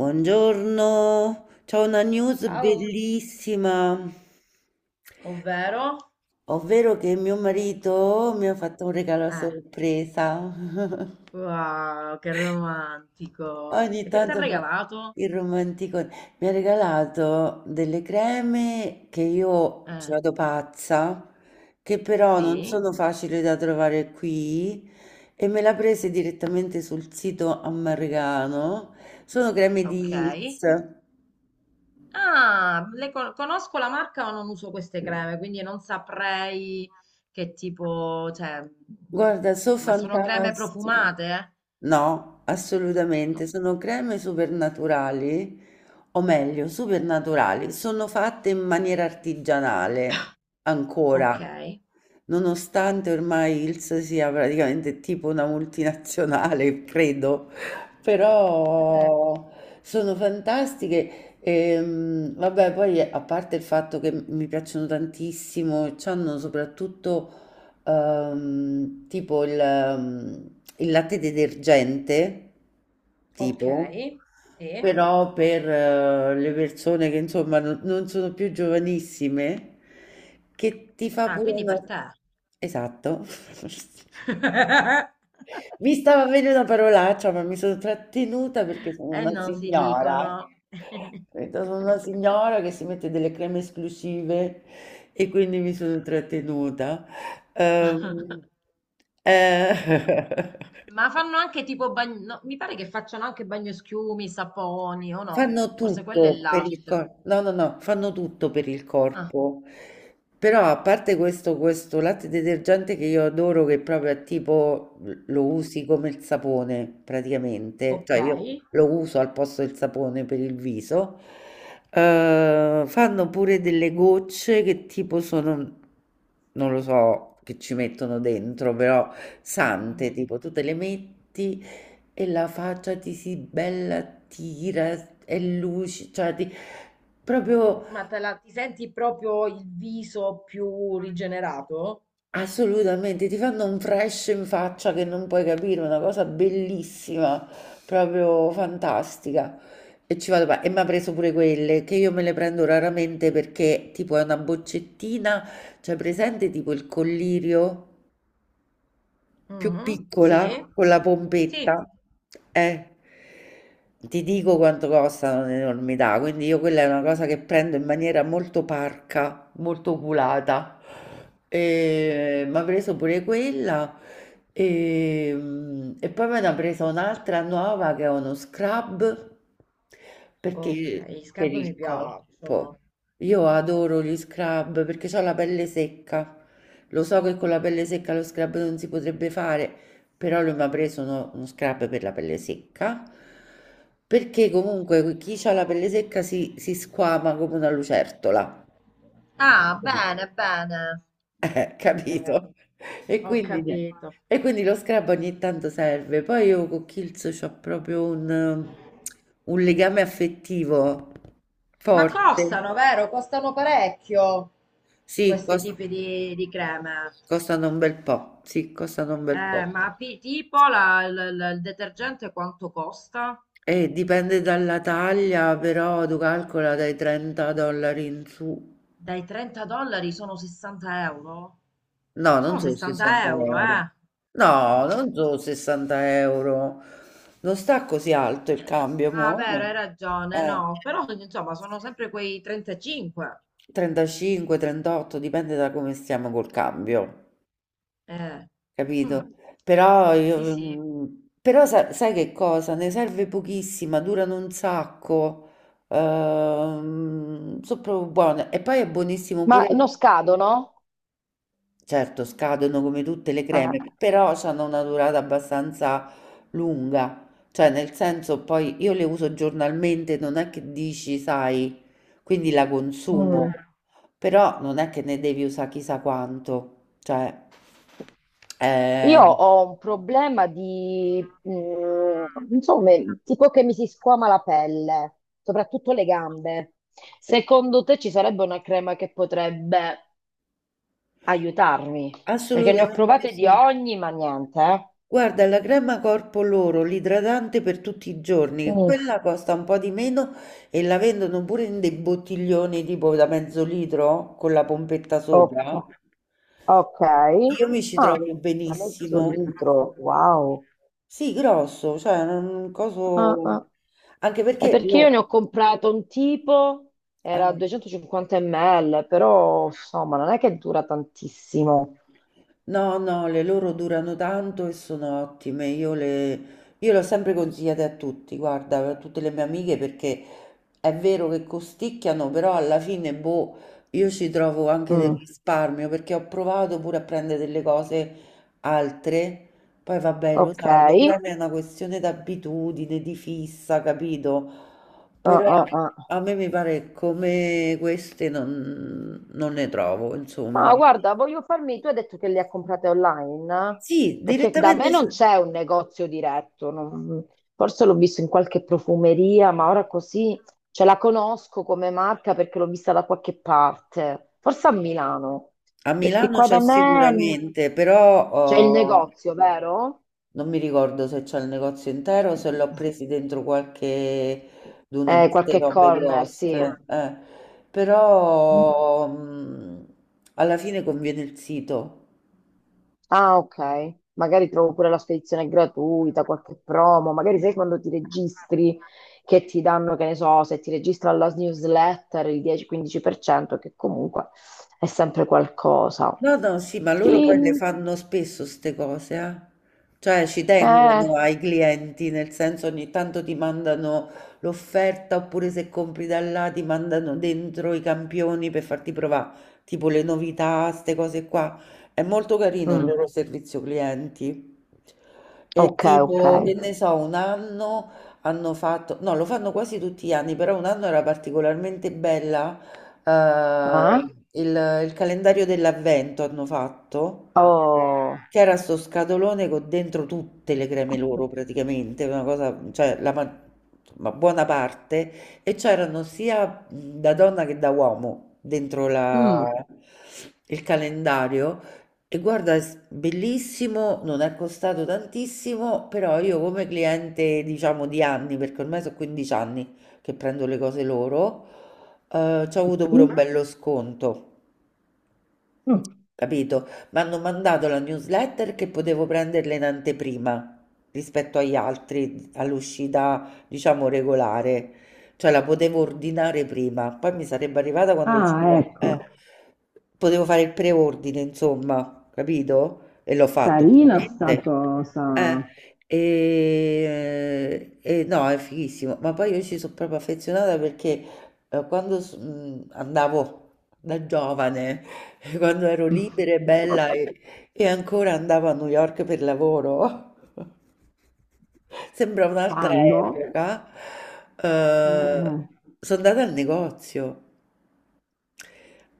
Buongiorno, c'ho una news Ciao. bellissima, Ovvero? ovvero che mio marito mi ha fatto un regalo a Eh, sorpresa. wow, che romantico. Ogni E che ti ha tanto fa regalato? il romantico. Mi ha regalato delle creme che io ci Eh, vado pazza, che però non sì, sono facili da trovare qui e me le ha prese direttamente sul sito Ammargano. Sono creme di Hils. ok. Ah, le conosco la marca ma non uso queste creme, quindi non saprei che tipo, cioè, Guarda, so' ma sono creme fantastiche. profumate? No, No, assolutamente, sono creme supernaturali, o meglio supernaturali, sono fatte in maniera artigianale ok, ancora, nonostante ormai Hill's sia praticamente tipo una multinazionale, credo, però sono fantastiche. Vabbè, poi a parte il fatto che mi piacciono tantissimo, c'hanno soprattutto tipo il latte detergente, ok. tipo, Sì, però per le persone che insomma non sono più giovanissime, che ti fa ah, pure quindi una... per te. Esatto. Mi stava venendo una parolaccia, ma mi sono trattenuta perché sono E una non si signora. dicono. Capito? Sono una signora che si mette delle creme esclusive e quindi mi sono trattenuta. Ehm, eh, Ma fanno anche tipo bagno, no, mi pare che facciano anche bagnoschiumi, saponi o no? Fanno Forse quello è tutto per il l'ash. corpo, no, no, no, fanno tutto per il Ah, corpo. Però a parte questo latte detergente che io adoro, che proprio è tipo lo usi come il sapone praticamente, ok. cioè io lo uso al posto del sapone per il viso, fanno pure delle gocce che tipo sono, non lo so, che ci mettono dentro, però sante, Mm. tipo tu te le metti e la faccia ti si bella tira, è lucida, cioè ti, proprio Ti senti proprio il viso più rigenerato? assolutamente ti fanno un fresh in faccia che non puoi capire, una cosa bellissima, proprio fantastica. E ci vado, e mi ha preso pure quelle che io me le prendo raramente perché tipo è una boccettina, cioè presente tipo il collirio. Più Mhm, piccola sì. con la Sì, pompetta, eh, ti dico quanto costano un'enormità, quindi io quella è una cosa che prendo in maniera molto parca, molto oculata. ok, E mi ha preso pure quella e poi me ne ha presa un'altra nuova che è uno scrub perché ok, per scarpe mi il piacciono. corpo. Io adoro gli scrub perché ho la pelle secca. Lo so che con la pelle secca lo scrub non si potrebbe fare, però lui mi ha preso uno scrub per la pelle secca, perché comunque chi ha la No. pelle secca si squama come una lucertola. Ah, bene, bene. Eh, Capito? E ho quindi, niente. capito. E quindi lo scrub ogni tanto serve. Poi io con Kills ho proprio un legame affettivo Ma forte. costano, vero? Costano parecchio Sì, questi tipi di creme. costano un bel po', sì, costano un bel po'. Ma tipo il detergente quanto costa? E dipende dalla taglia, però tu calcola dai 30 dollari in su. Dai 30 dollari sono 60 euro? No, non Sono sono 60 60 euro, euro. eh? No, non sono 60 euro. Non sta così alto il cambio, Ah, mo, vero, hai no. ragione, Eh, no, però insomma sono sempre quei 35. 35, 38, dipende da come stiamo col cambio. Eh. Hm. Capito? Però Sì, io, sì. mm, però sai che cosa? Ne serve pochissima, durano un sacco, sono proprio buone. E poi è buonissimo Ma pure, non scadono? certo, scadono come tutte le Eh. creme, però hanno una durata abbastanza lunga. Cioè, nel senso, poi io le uso giornalmente, non è che dici, sai, quindi la consumo, Mm. però non è che ne devi usare chissà quanto. Cioè, eh, Io ho un problema di, insomma, tipo che mi si squama la pelle, soprattutto le gambe. Secondo te ci sarebbe una crema che potrebbe aiutarmi? Perché ne ho assolutamente provate di sì. ogni, ma niente. Eh. Guarda, la crema corpo loro, l'idratante per tutti i giorni, Mm, quella costa un po' di meno e la vendono pure in dei bottiglioni tipo da mezzo litro con la pompetta ok, sopra. ok. Io mi ci Ah, trovo a mezzo benissimo. litro, wow. Sì, grosso, cioè un Ah, coso. ah. Anche È perché perché lo. io ne ho comprato un tipo, eh. era 250 ml, però insomma non è che dura tantissimo. No, no, le loro durano tanto e sono ottime. Io le ho sempre consigliate a tutti, guarda, a tutte le mie amiche, perché è vero che costicchiano, però alla fine, boh, io ci trovo anche del Mm. risparmio, perché ho provato pure a prendere delle cose altre. Poi vabbè, lo Ok. sai, Ah, le creme è una questione d'abitudine, di fissa, capito? Però ah, ah. a me mi pare come queste non ne trovo, insomma. Ma guarda, voglio farmi, tu hai detto che le ha comprate online? Sì, Perché da me direttamente non c'è un negozio diretto, forse l'ho visto in qualche profumeria, ma ora così ce la conosco come marca perché l'ho vista da qualche parte, forse a Milano, a perché Milano qua c'è da me sicuramente, però c'è il oh, negozio, vero? non mi ricordo se c'è il negozio intero o se l'ho presi dentro qualche d'uno di queste Qualche robe corner, sì. grosse. Però alla fine conviene il sito. Ah, ok. Magari trovo pure la spedizione gratuita, qualche promo. Magari sai, quando ti registri che ti danno, che ne so, se ti registri alla newsletter il 10-15%, che comunque è sempre qualcosa. No, no, sì, ma loro poi le Sì, fanno spesso queste cose, eh. Cioè ci eh, tengono ai clienti, nel senso ogni tanto ti mandano l'offerta oppure se compri da là ti mandano dentro i campioni per farti provare, tipo le novità, queste cose qua. È molto carino il loro mm, servizio clienti. E ok, ok. tipo, che ne so, un anno hanno fatto, no, lo fanno quasi tutti gli anni, però un anno era particolarmente bella Eh? eh, il, il calendario dell'avvento hanno fatto Oh, c'era sto scatolone con dentro tutte le creme loro praticamente, una cosa, cioè la ma insomma, buona parte, e c'erano sia da donna che da uomo dentro mm, il calendario. E guarda, è bellissimo, non è costato tantissimo, però io come cliente, diciamo, di anni, perché ormai sono 15 anni che prendo le cose loro, ci ho avuto pure un sì? bello sconto. Mm. Capito? Mi hanno mandato la newsletter che potevo prenderla in anteprima rispetto agli altri, all'uscita, diciamo, regolare. Cioè la potevo ordinare prima, poi mi sarebbe arrivata quando usciva. Ah, ecco, Potevo fare il preordine, insomma, capito? E l'ho fatto, carina sta ovviamente. cosa. Eh, e no, è fighissimo. Ma poi io ci sono proprio affezionata perché quando andavo da giovane quando ero libera e bella e ancora andavo a New York per lavoro. Sembra un'altra Quando? epoca. Eh, Eh, sono andata al negozio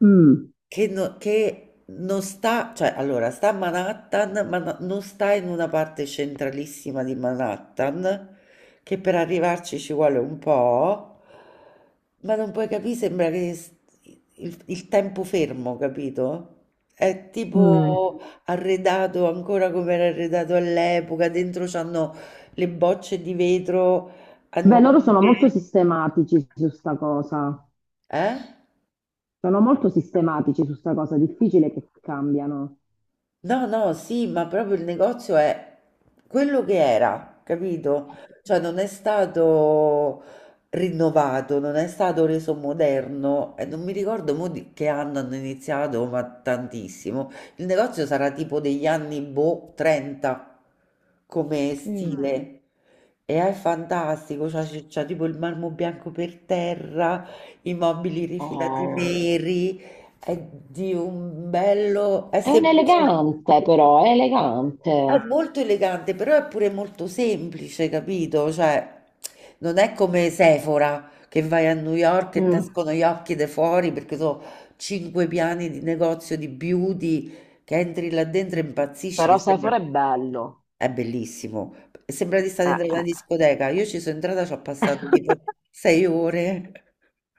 mm. che, che non sta, cioè allora sta a Manhattan, ma non sta in una parte centralissima di Manhattan, che per arrivarci ci vuole un po', ma non puoi capire, sembra che il tempo fermo, capito? È Mm. tipo arredato ancora come era arredato all'epoca, dentro c'hanno le bocce di vetro Beh, loro sono molto antiche, sistematici su sta cosa. eh? Sono molto sistematici su sta cosa. Difficile che cambiano. No, no, sì, ma proprio il negozio è quello che era, capito? Cioè non è stato rinnovato, non è stato reso moderno e non mi ricordo mo di che anno hanno iniziato, ma tantissimo. Il negozio sarà tipo degli anni boh, 30 come ah, Mm. stile. E è fantastico, c'ha tipo il marmo bianco per terra, i mobili rifilati Oh, neri, è di un bello, è è un semplice. elegante però, è È elegante. molto elegante, però è pure molto semplice, capito? Cioè, non è come Sephora che vai a New York e ti Mm. escono gli occhi da fuori perché sono cinque piani di negozio di beauty che entri là dentro e impazzisci, Però che sembra... Sefor è bello. È bellissimo. Sembra di stare dentro la Eh. discoteca. Io ci sono entrata, ci ho passato tipo 6 ore.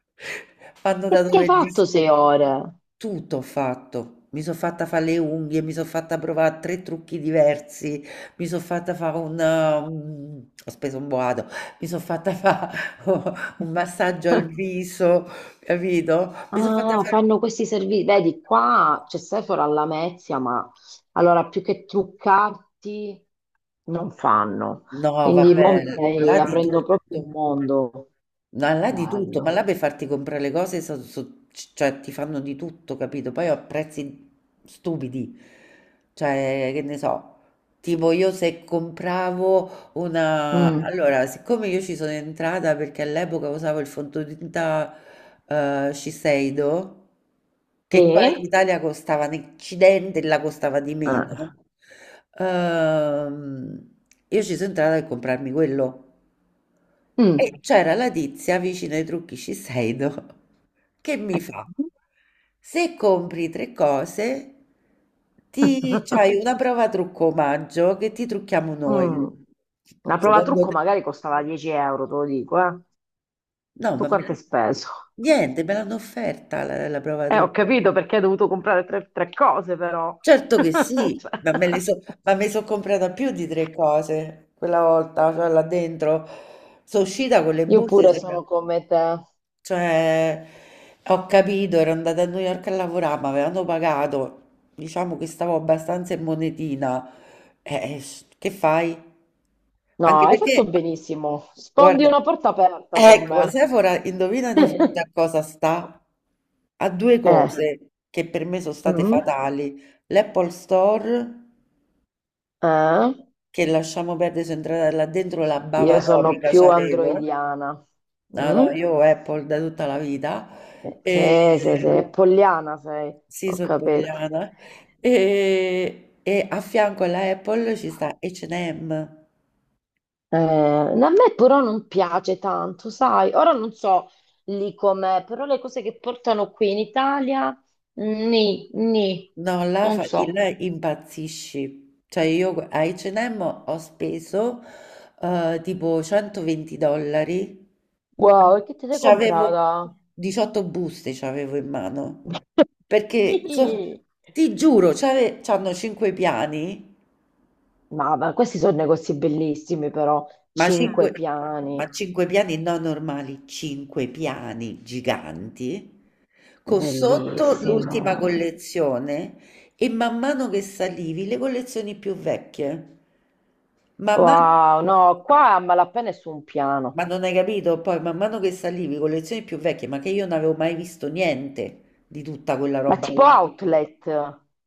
Hanno Che dato ti hai per fatto 6 ore? tutto ho fatto. Mi sono fatta fare le unghie, mi sono fatta provare tre trucchi diversi, mi sono fatta fare ho speso un boato, mi sono fatta fare un massaggio al viso, capito? Mi sono fatta Ah, fare... fanno questi servizi. Vedi, qua c'è Sephora alla Lamezia, ma allora più che truccarti non fanno. No, va Quindi mo mi bene, là stai di aprendo proprio tutto. un mondo No, là di tutto, ma là bello. per farti comprare le cose, cioè ti fanno di tutto, capito? Poi a prezzi stupidi, cioè che ne so, tipo io se compravo una... Mm. Allora, siccome io ci sono entrata perché all'epoca usavo il fondotinta Shiseido, che qua in Te? Italia costava un accidente, là costava di meno, Ah. ehm, io ci sono entrata per comprarmi quello. E Mm. c'era la tizia vicino ai trucchi Shiseido che mi fa, se compri tre cose, ti c'hai una prova trucco omaggio che ti trucchiamo Mm. noi. Una prova Secondo trucco te? magari costava 10 euro, te lo dico, eh. No, Tu ma quanto hai speso? niente, me l'hanno offerta la prova Ho trucco. capito, perché hai dovuto comprare tre, tre cose, però. Certo che sì, Cioè, ma me le so, ma mi sono comprata più di tre cose quella volta, cioè là dentro. Sono uscita con le io buste, pure sembra. sono come te. Cioè, ho capito, ero andata a New York a lavorare, mi avevano pagato, diciamo che stavo abbastanza in monetina. Che fai? No, Anche hai perché, fatto benissimo. Spondi guarda, una porta aperta con ecco, me. Sephora, indovina di fronte a cosa sta? A due Eh. cose che per me sono state Mm, fatali, l'Apple Store eh. che lasciamo perdere, sono entrata là dentro la Io bava sono topica più c'avevo. androidiana. No, no, Mm? io Apple da tutta la vita. E... Sì, sì, sì, polliana sei, Sì, ho sono capito. italiana. E a fianco alla Apple ci sta H&M. A me però non piace tanto, sai? Ora non so lì com'è, però le cose che portano qui in Italia, ni, ni, No, là, non so. là impazzisci. Cioè io a H&M ho speso tipo 120 dollari. Wow, e che te sei C'avevo comprata? 18 buste, c'avevo in mano. Perché Ni. ti giuro, c'hanno 5 piani, Ma questi sono negozi bellissimi però, ma 5, cinque ma piani, 5 piani non normali, 5 piani giganti. Con sotto bellissimo. l'ultima collezione e man mano che salivi le collezioni più vecchie. Man mano, Wow, no, qua a malapena è su un ma piano, non hai capito? Poi man mano che salivi collezioni più vecchie, ma che io non avevo mai visto niente di tutta quella ma roba tipo là. outlet,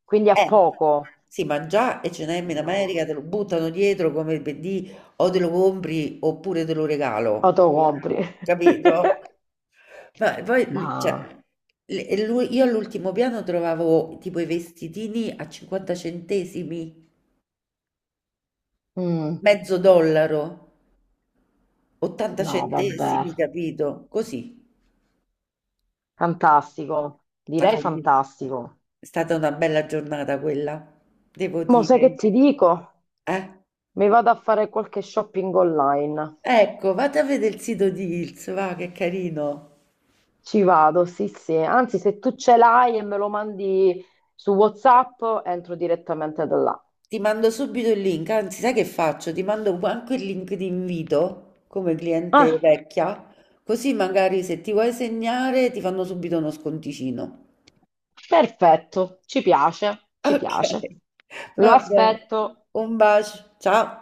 quindi a Eh, poco. sì, ma già H&M in Io America te lo buttano dietro come per dì, o te lo compri oppure te lo regalo, autocompri. capito? Ma poi, Ma io all'ultimo piano trovavo tipo i vestitini a 50 centesimi, mm, mezzo dollaro, 80 no, centesimi, vabbè, capito? Così. fantastico, Ma direi quindi fantastico. è stata una bella giornata quella, devo Mo sai che dire. ti dico? Eh? Mi vado a fare qualche shopping online. Ecco, vado a vedere il sito di Hills, va, che carino. Ci vado, sì, sì. Anzi, se tu ce l'hai e me lo mandi su WhatsApp, entro direttamente da là. Ti mando subito il link, anzi, sai che faccio? Ti mando anche il link di invito come cliente Ah, vecchia, così magari se ti vuoi segnare ti fanno subito uno sconticino. perfetto, ci piace, ci Ok, piace. Lo va bene. aspetto. Un bacio, ciao.